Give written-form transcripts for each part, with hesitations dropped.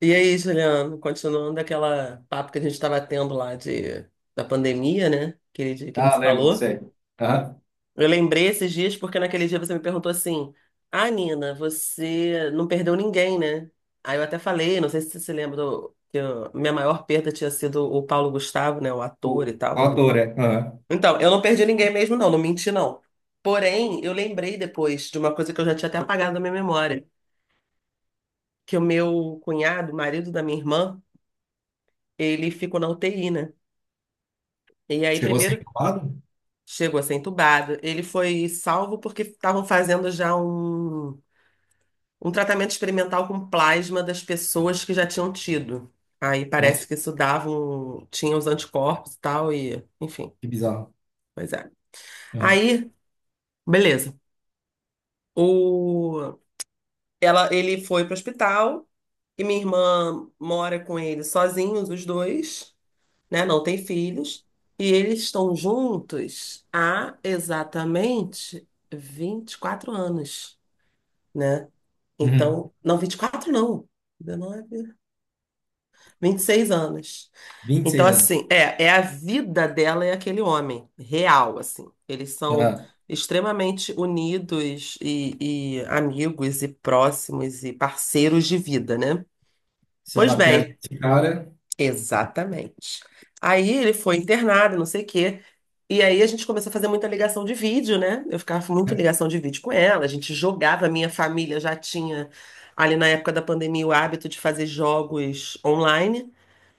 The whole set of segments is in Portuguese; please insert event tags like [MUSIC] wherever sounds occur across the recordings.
E aí, Juliano, continuando aquela papo que a gente estava tendo lá da pandemia, né? Aquele dia que a gente Ah, se lembro, falou. sei. Aham. Eu lembrei esses dias porque naquele dia você me perguntou assim: Ah, Nina, você não perdeu ninguém, né? Aí eu até falei, não sei se você se lembra, que minha maior perda tinha sido o Paulo Gustavo, né? O O, ator o e tal. autor, é. Aham. Então, eu não perdi ninguém mesmo, não, não menti, não. Porém, eu lembrei depois de uma coisa que eu já tinha até apagado da minha memória: que o meu cunhado, marido da minha irmã, ele ficou na UTI, né? E aí, Chegou a ser primeiro, incubado? chegou a ser entubado. Ele foi salvo porque estavam fazendo um tratamento experimental com plasma das pessoas que já tinham tido. Aí parece Nossa, que isso dava um, tinha os anticorpos e tal, e enfim, que bizarro. pois é. Aham. Aí, beleza. O, ele foi pro hospital e minha irmã mora com ele sozinhos, os dois. Né? Não tem filhos. E eles estão juntos há exatamente 24 anos, né? Uhum. Então, não, 24 não. Dezenove, vinte e seis anos. vinte e Então, seis anos. assim, é a vida dela e aquele homem, real, assim. Eles são Aham. extremamente unidos e amigos e próximos e parceiros de vida, né? Se Pois ela perde bem, esse cara, exatamente. Aí ele foi internado, não sei o quê. E aí a gente começou a fazer muita ligação de vídeo, né? Eu ficava muito né? ligação de vídeo com ela, a gente jogava, minha família já tinha ali na época da pandemia o hábito de fazer jogos online.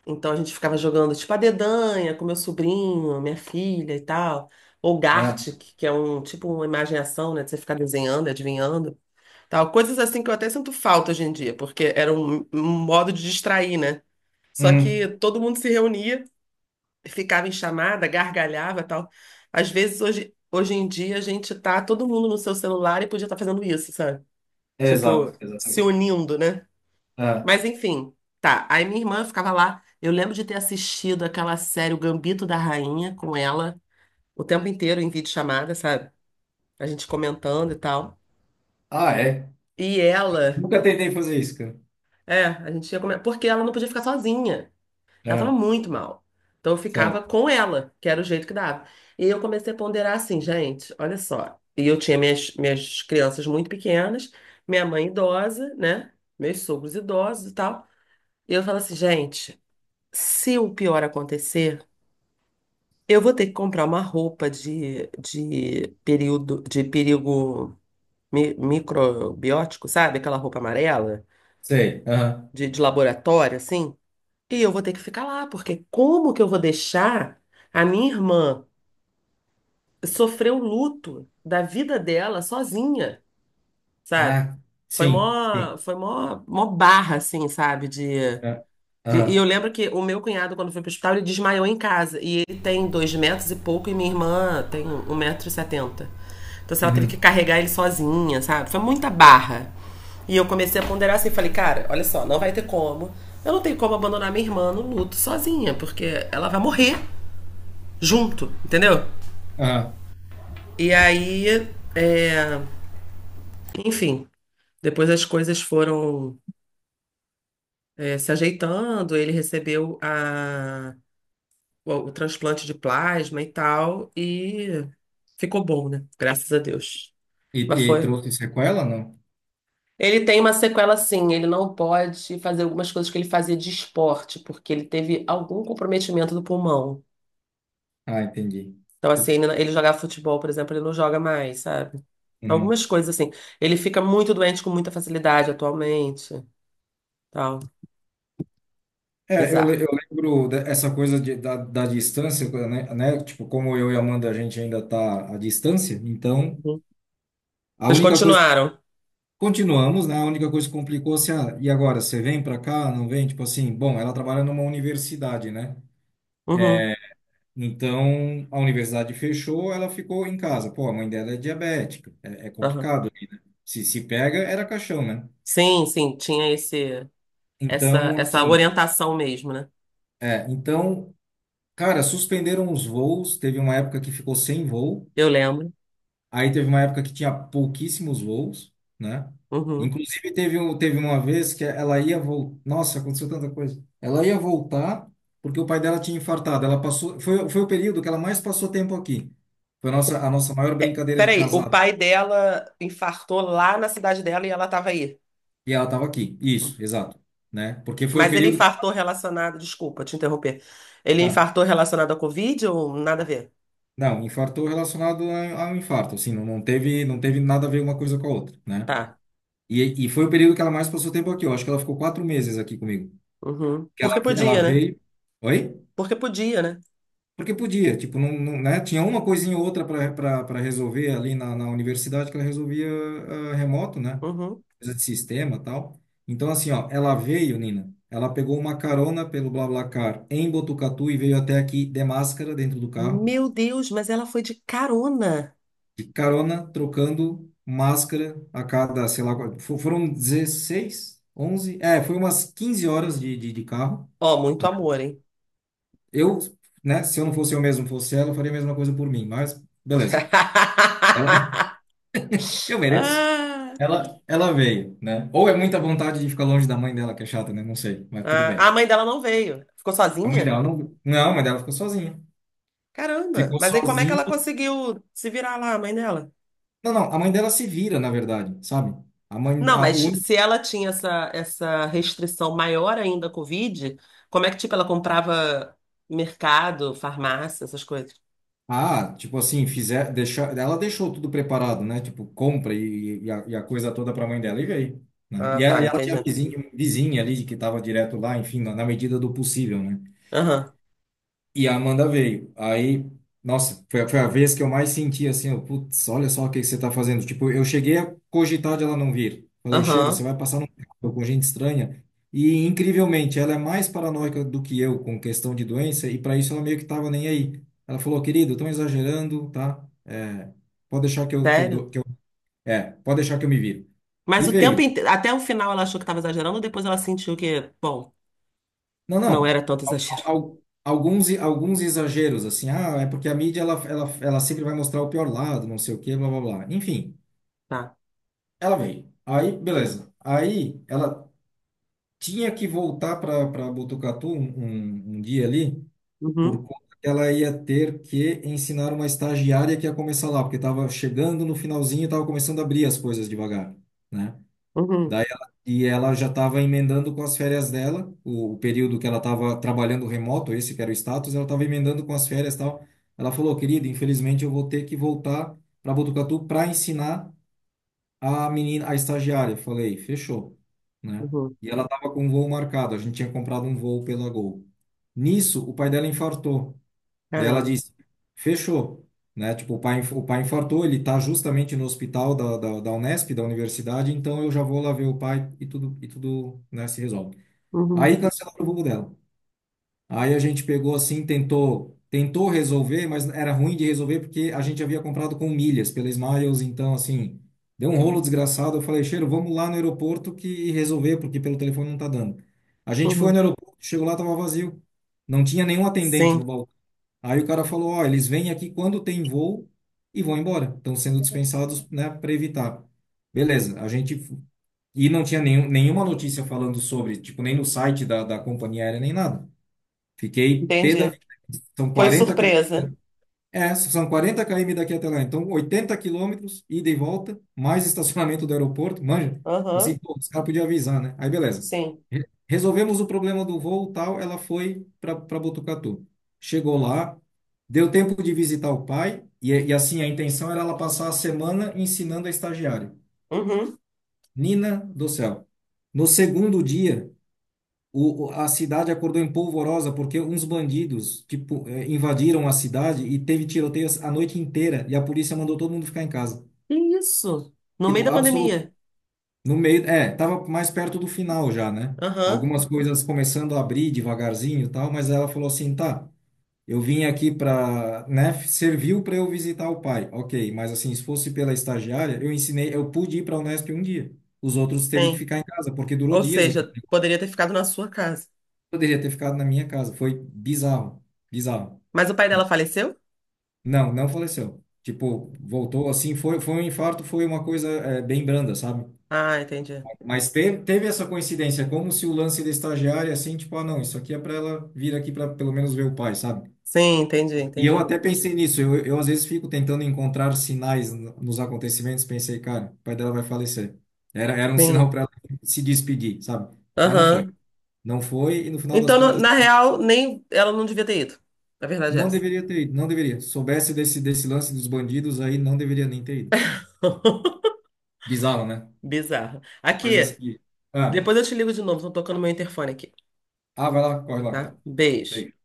Então a gente ficava jogando tipo a dedanha com meu sobrinho, minha filha e tal. Ou Aham. Gartic, que é um tipo uma imagem e ação, né? De você ficar desenhando, adivinhando, tal. Coisas assim que eu até sinto falta hoje em dia, porque era um modo de distrair, né? Só que Uhum. todo mundo se reunia, ficava em chamada, gargalhava e tal. Às vezes, hoje em dia, a gente tá todo mundo no seu celular e podia estar fazendo isso, sabe? Tipo, Exato, se exatamente. unindo, né? Aham. Mas enfim, tá. Aí minha irmã ficava lá. Eu lembro de ter assistido aquela série O Gambito da Rainha com ela o tempo inteiro em videochamada, sabe? A gente comentando e tal. Ah, é? E ela, Nunca tentei fazer isso, cara. é, a gente ia comentar, porque ela não podia ficar sozinha. Ela tava Aham. muito mal. Então eu Certo. ficava com ela, que era o jeito que dava. E eu comecei a ponderar assim, gente, olha só. E eu tinha minhas crianças muito pequenas, minha mãe idosa, né? Meus sogros idosos e tal. E eu falo assim, gente, se o pior acontecer, eu vou ter que comprar uma roupa de período, de perigo microbiótico, sabe? Aquela roupa amarela, Sei. Aham. De laboratório, assim. E eu vou ter que ficar lá, porque como que eu vou deixar a minha irmã sofrer o luto da vida dela sozinha, sabe? Ah, Foi sim, mó, sim. foi mó barra, assim, sabe? De Aham. e eu Aham. lembro que o meu cunhado, quando foi pro hospital, ele desmaiou em casa. E ele tem dois metros e pouco, e minha irmã tem um metro e setenta. Então, assim, ela teve que Uhum. carregar ele sozinha, sabe? Foi muita barra. E eu comecei a ponderar assim, falei, cara, olha só, não vai ter como. Eu não tenho como abandonar minha irmã no luto sozinha, porque ela vai morrer junto, entendeu? Ah, E aí, é, enfim, depois as coisas foram é, se ajeitando, ele recebeu a o transplante de plasma e tal, e ficou bom, né? Graças a Deus. e, Mas e foi. trouxe sequela? Não. Ele tem uma sequela sim, ele não pode fazer algumas coisas que ele fazia de esporte, porque ele teve algum comprometimento do pulmão. Ah, entendi. Então, assim, ele jogava futebol, por exemplo, ele não joga mais, sabe? Uhum. Algumas coisas assim. Ele fica muito doente com muita facilidade atualmente, tal. É, eu, Bizarro. le- eu lembro essa coisa da distância, né? Tipo, como eu e a Amanda, a gente ainda tá à distância, então Uhum. a Vocês única coisa, continuaram? continuamos, né? A única coisa que complicou, se e agora, você vem para cá, não vem? Tipo assim, bom, ela trabalha numa universidade, né? Uhum. É, então a universidade fechou, ela ficou em casa. Pô, a mãe dela é diabética, é Aham. complicado. Se se pega, era caixão, né? Sim, sim, tinha Então, essa assim, orientação mesmo, né? Então, cara, suspenderam os voos, teve uma época que ficou sem voo. Eu lembro. Aí teve uma época que tinha pouquíssimos voos, né? Uhum. Inclusive teve uma vez que ela ia voltar. Nossa, aconteceu tanta coisa. Ela ia voltar porque o pai dela tinha infartado. Ela passou, foi o período que ela mais passou tempo aqui. Foi a nossa, maior brincadeira de Peraí, o casado. pai dela infartou lá na cidade dela e ela estava aí. E ela estava aqui. Isso, exato, né? Porque foi o Mas ele período que ela... infartou relacionado. Desculpa te interromper. Ele ah, infartou relacionado à Covid ou nada a ver? não, infartou relacionado ao infarto, assim, não, não teve nada a ver uma coisa com a outra, né? Tá. E foi o período que ela mais passou tempo aqui. Eu acho que ela ficou 4 meses aqui comigo. Uhum. Que Porque ela podia, né? veio. Oi? Porque podia, né? Porque podia, tipo, não, não, né? Tinha uma coisinha ou outra para resolver ali na universidade que ela resolvia remoto, né? Uhum. Coisa de sistema e tal. Então, assim, ó, ela veio, Nina, ela pegou uma carona pelo BlaBlaCar em Botucatu e veio até aqui de máscara dentro do carro, Meu Deus, mas ela foi de carona. de carona, trocando máscara a cada, sei lá, foram 16, 11, foi umas 15 horas de carro, né? Ó, muito amor, hein? Eu, né, se eu não fosse eu mesmo, fosse ela, eu faria a mesma coisa por mim, mas beleza. Ela, [LAUGHS] [LAUGHS] eu mereço. Ah, Ela veio, né? Ou é muita vontade de ficar longe da mãe dela, que é chata, né? Não sei, mas tudo ah, bem. a mãe dela não veio. Ficou A mãe sozinha? dela não, não, a mãe dela ficou sozinha. Caramba. Ficou Mas aí como é que ela sozinha. conseguiu se virar lá, a mãe dela? Não, não, a mãe dela se vira, na verdade, sabe? A mãe, Não, a mas única, se ela tinha essa restrição maior ainda à Covid, como é que, tipo, ela comprava mercado, farmácia, essas coisas? Tipo assim, ela deixou tudo preparado, né? Tipo, compra e a coisa toda para a mãe dela e veio, né? Ah, E tá, ela, e ela entendi. tinha vizinha, ali que estava direto lá, enfim, na medida do possível, né? Aham, E a Amanda veio. Aí, nossa, foi, foi a vez que eu mais senti assim, eu, putz, olha só o que que você tá fazendo. Tipo, eu cheguei a cogitar de ela não vir. Falei, Cheiro, você aham, vai passar num carro com gente estranha. E, incrivelmente, ela é mais paranoica do que eu com questão de doença, e para isso ela meio que tava nem aí. Ela falou, querido, estão exagerando, tá? É, pode deixar que eu, que eu, sério? dou- que eu, é, pode deixar que eu me viro. Mas E o tempo veio. Até o final ela achou que estava exagerando, depois ela sentiu que, bom, Não, não não. era tanto exagero. al- alguns exageros, assim, ah, é porque a mídia ela sempre vai mostrar o pior lado, não sei o quê, blá blá blá. Enfim, Tá. ela veio. Aí, beleza. Aí ela tinha que voltar para Botucatu um dia ali, por Uhum, conta que ela ia ter que ensinar uma estagiária que ia começar lá, porque estava chegando no finalzinho e estava começando a abrir as coisas devagar, né? uhum, Daí ela, e ela já estava emendando com as férias dela, o período que ela estava trabalhando remoto, esse que era o status, ela estava emendando com as férias e tal. Ela falou, querido, infelizmente eu vou ter que voltar para Botucatu para ensinar a menina, a estagiária. Eu falei, fechou, né? uhum. E ela estava com um voo marcado, a gente tinha comprado um voo pela Gol. Nisso, o pai dela infartou. Daí ela Caramba. disse, fechou, né? Tipo, o pai infartou, ele tá justamente no hospital da Unesp, da universidade, então eu já vou lá ver o pai e tudo, né, se resolve. Uhum, Aí cancelaram o voo dela. Aí a gente pegou assim, tentou resolver, mas era ruim de resolver porque a gente havia comprado com milhas pela Smiles, então assim, deu um rolo desgraçado. Eu falei, Cheiro, vamos lá no aeroporto que resolver, porque pelo telefone não tá dando. A gente foi uhum. no aeroporto, chegou lá, tava vazio. Não tinha nenhum atendente no Sim, balcão. Aí o cara falou, ó, eles vêm aqui quando tem voo e vão embora. Estão sendo dispensados, né, para evitar. Beleza, a gente... E não tinha nenhuma notícia falando sobre, tipo, nem no site da companhia aérea, nem nada. Fiquei pé da entendi. vida. São Foi 40, surpresa. São 40 km daqui até lá. Então, 80 quilômetros, ida e volta, mais estacionamento do aeroporto, manja. Assim, Aham, pô, os caras podiam avisar, né? Aí, beleza. sim. Resolvemos o problema do voo, tal, ela foi para Botucatu. Chegou lá, deu tempo de visitar o pai, e assim, a intenção era ela passar a semana ensinando a estagiária. Uhum. Nina do céu. No segundo dia, a cidade acordou em polvorosa porque uns bandidos, tipo, invadiram a cidade e teve tiroteios a noite inteira e a polícia mandou todo mundo ficar em casa. Que isso? No meio Tipo, da absoluto. pandemia. No meio, é, tava mais perto do final já, né? Aham. Algumas coisas começando a abrir devagarzinho e tal, mas ela falou assim, tá, eu vim aqui pra, né, serviu para eu visitar o pai. Ok, mas assim, se fosse pela estagiária, eu ensinei, eu pude ir pra Unesp um dia. Os outros teve que Sim. ficar em casa, porque durou Ou dias. seja, poderia ter ficado na sua casa. Poderia ter ficado na minha casa. Foi bizarro, bizarro. Mas o pai dela faleceu? Não, não faleceu. Tipo, voltou assim, foi, foi um infarto, foi uma coisa, é, bem branda, sabe? Ah, entendi. Mas teve, teve essa coincidência, é como se o lance da estagiária, assim, tipo, ah, não, isso aqui é para ela vir aqui para pelo menos ver o pai, sabe? Sim, entendi, E eu entendi. até pensei nisso, eu às vezes fico tentando encontrar sinais nos acontecimentos, pensei, cara, o pai dela vai falecer. Era, era um sinal Sim. para ela se despedir, sabe? Mas não foi. Aham. Não foi, e no final das Então, contas. na real, nem ela não devia ter ido. Na verdade é Não essa. deveria ter ido, não deveria. Soubesse desse, desse lance dos bandidos aí, não deveria nem ter ido. [LAUGHS] Bizarro, né? Bizarro. Coisas Aqui, que. Ah, depois eu te ligo de novo. Estão tocando meu interfone aqui, vai lá, corre lá, tá? tá. Beijo. Beijo.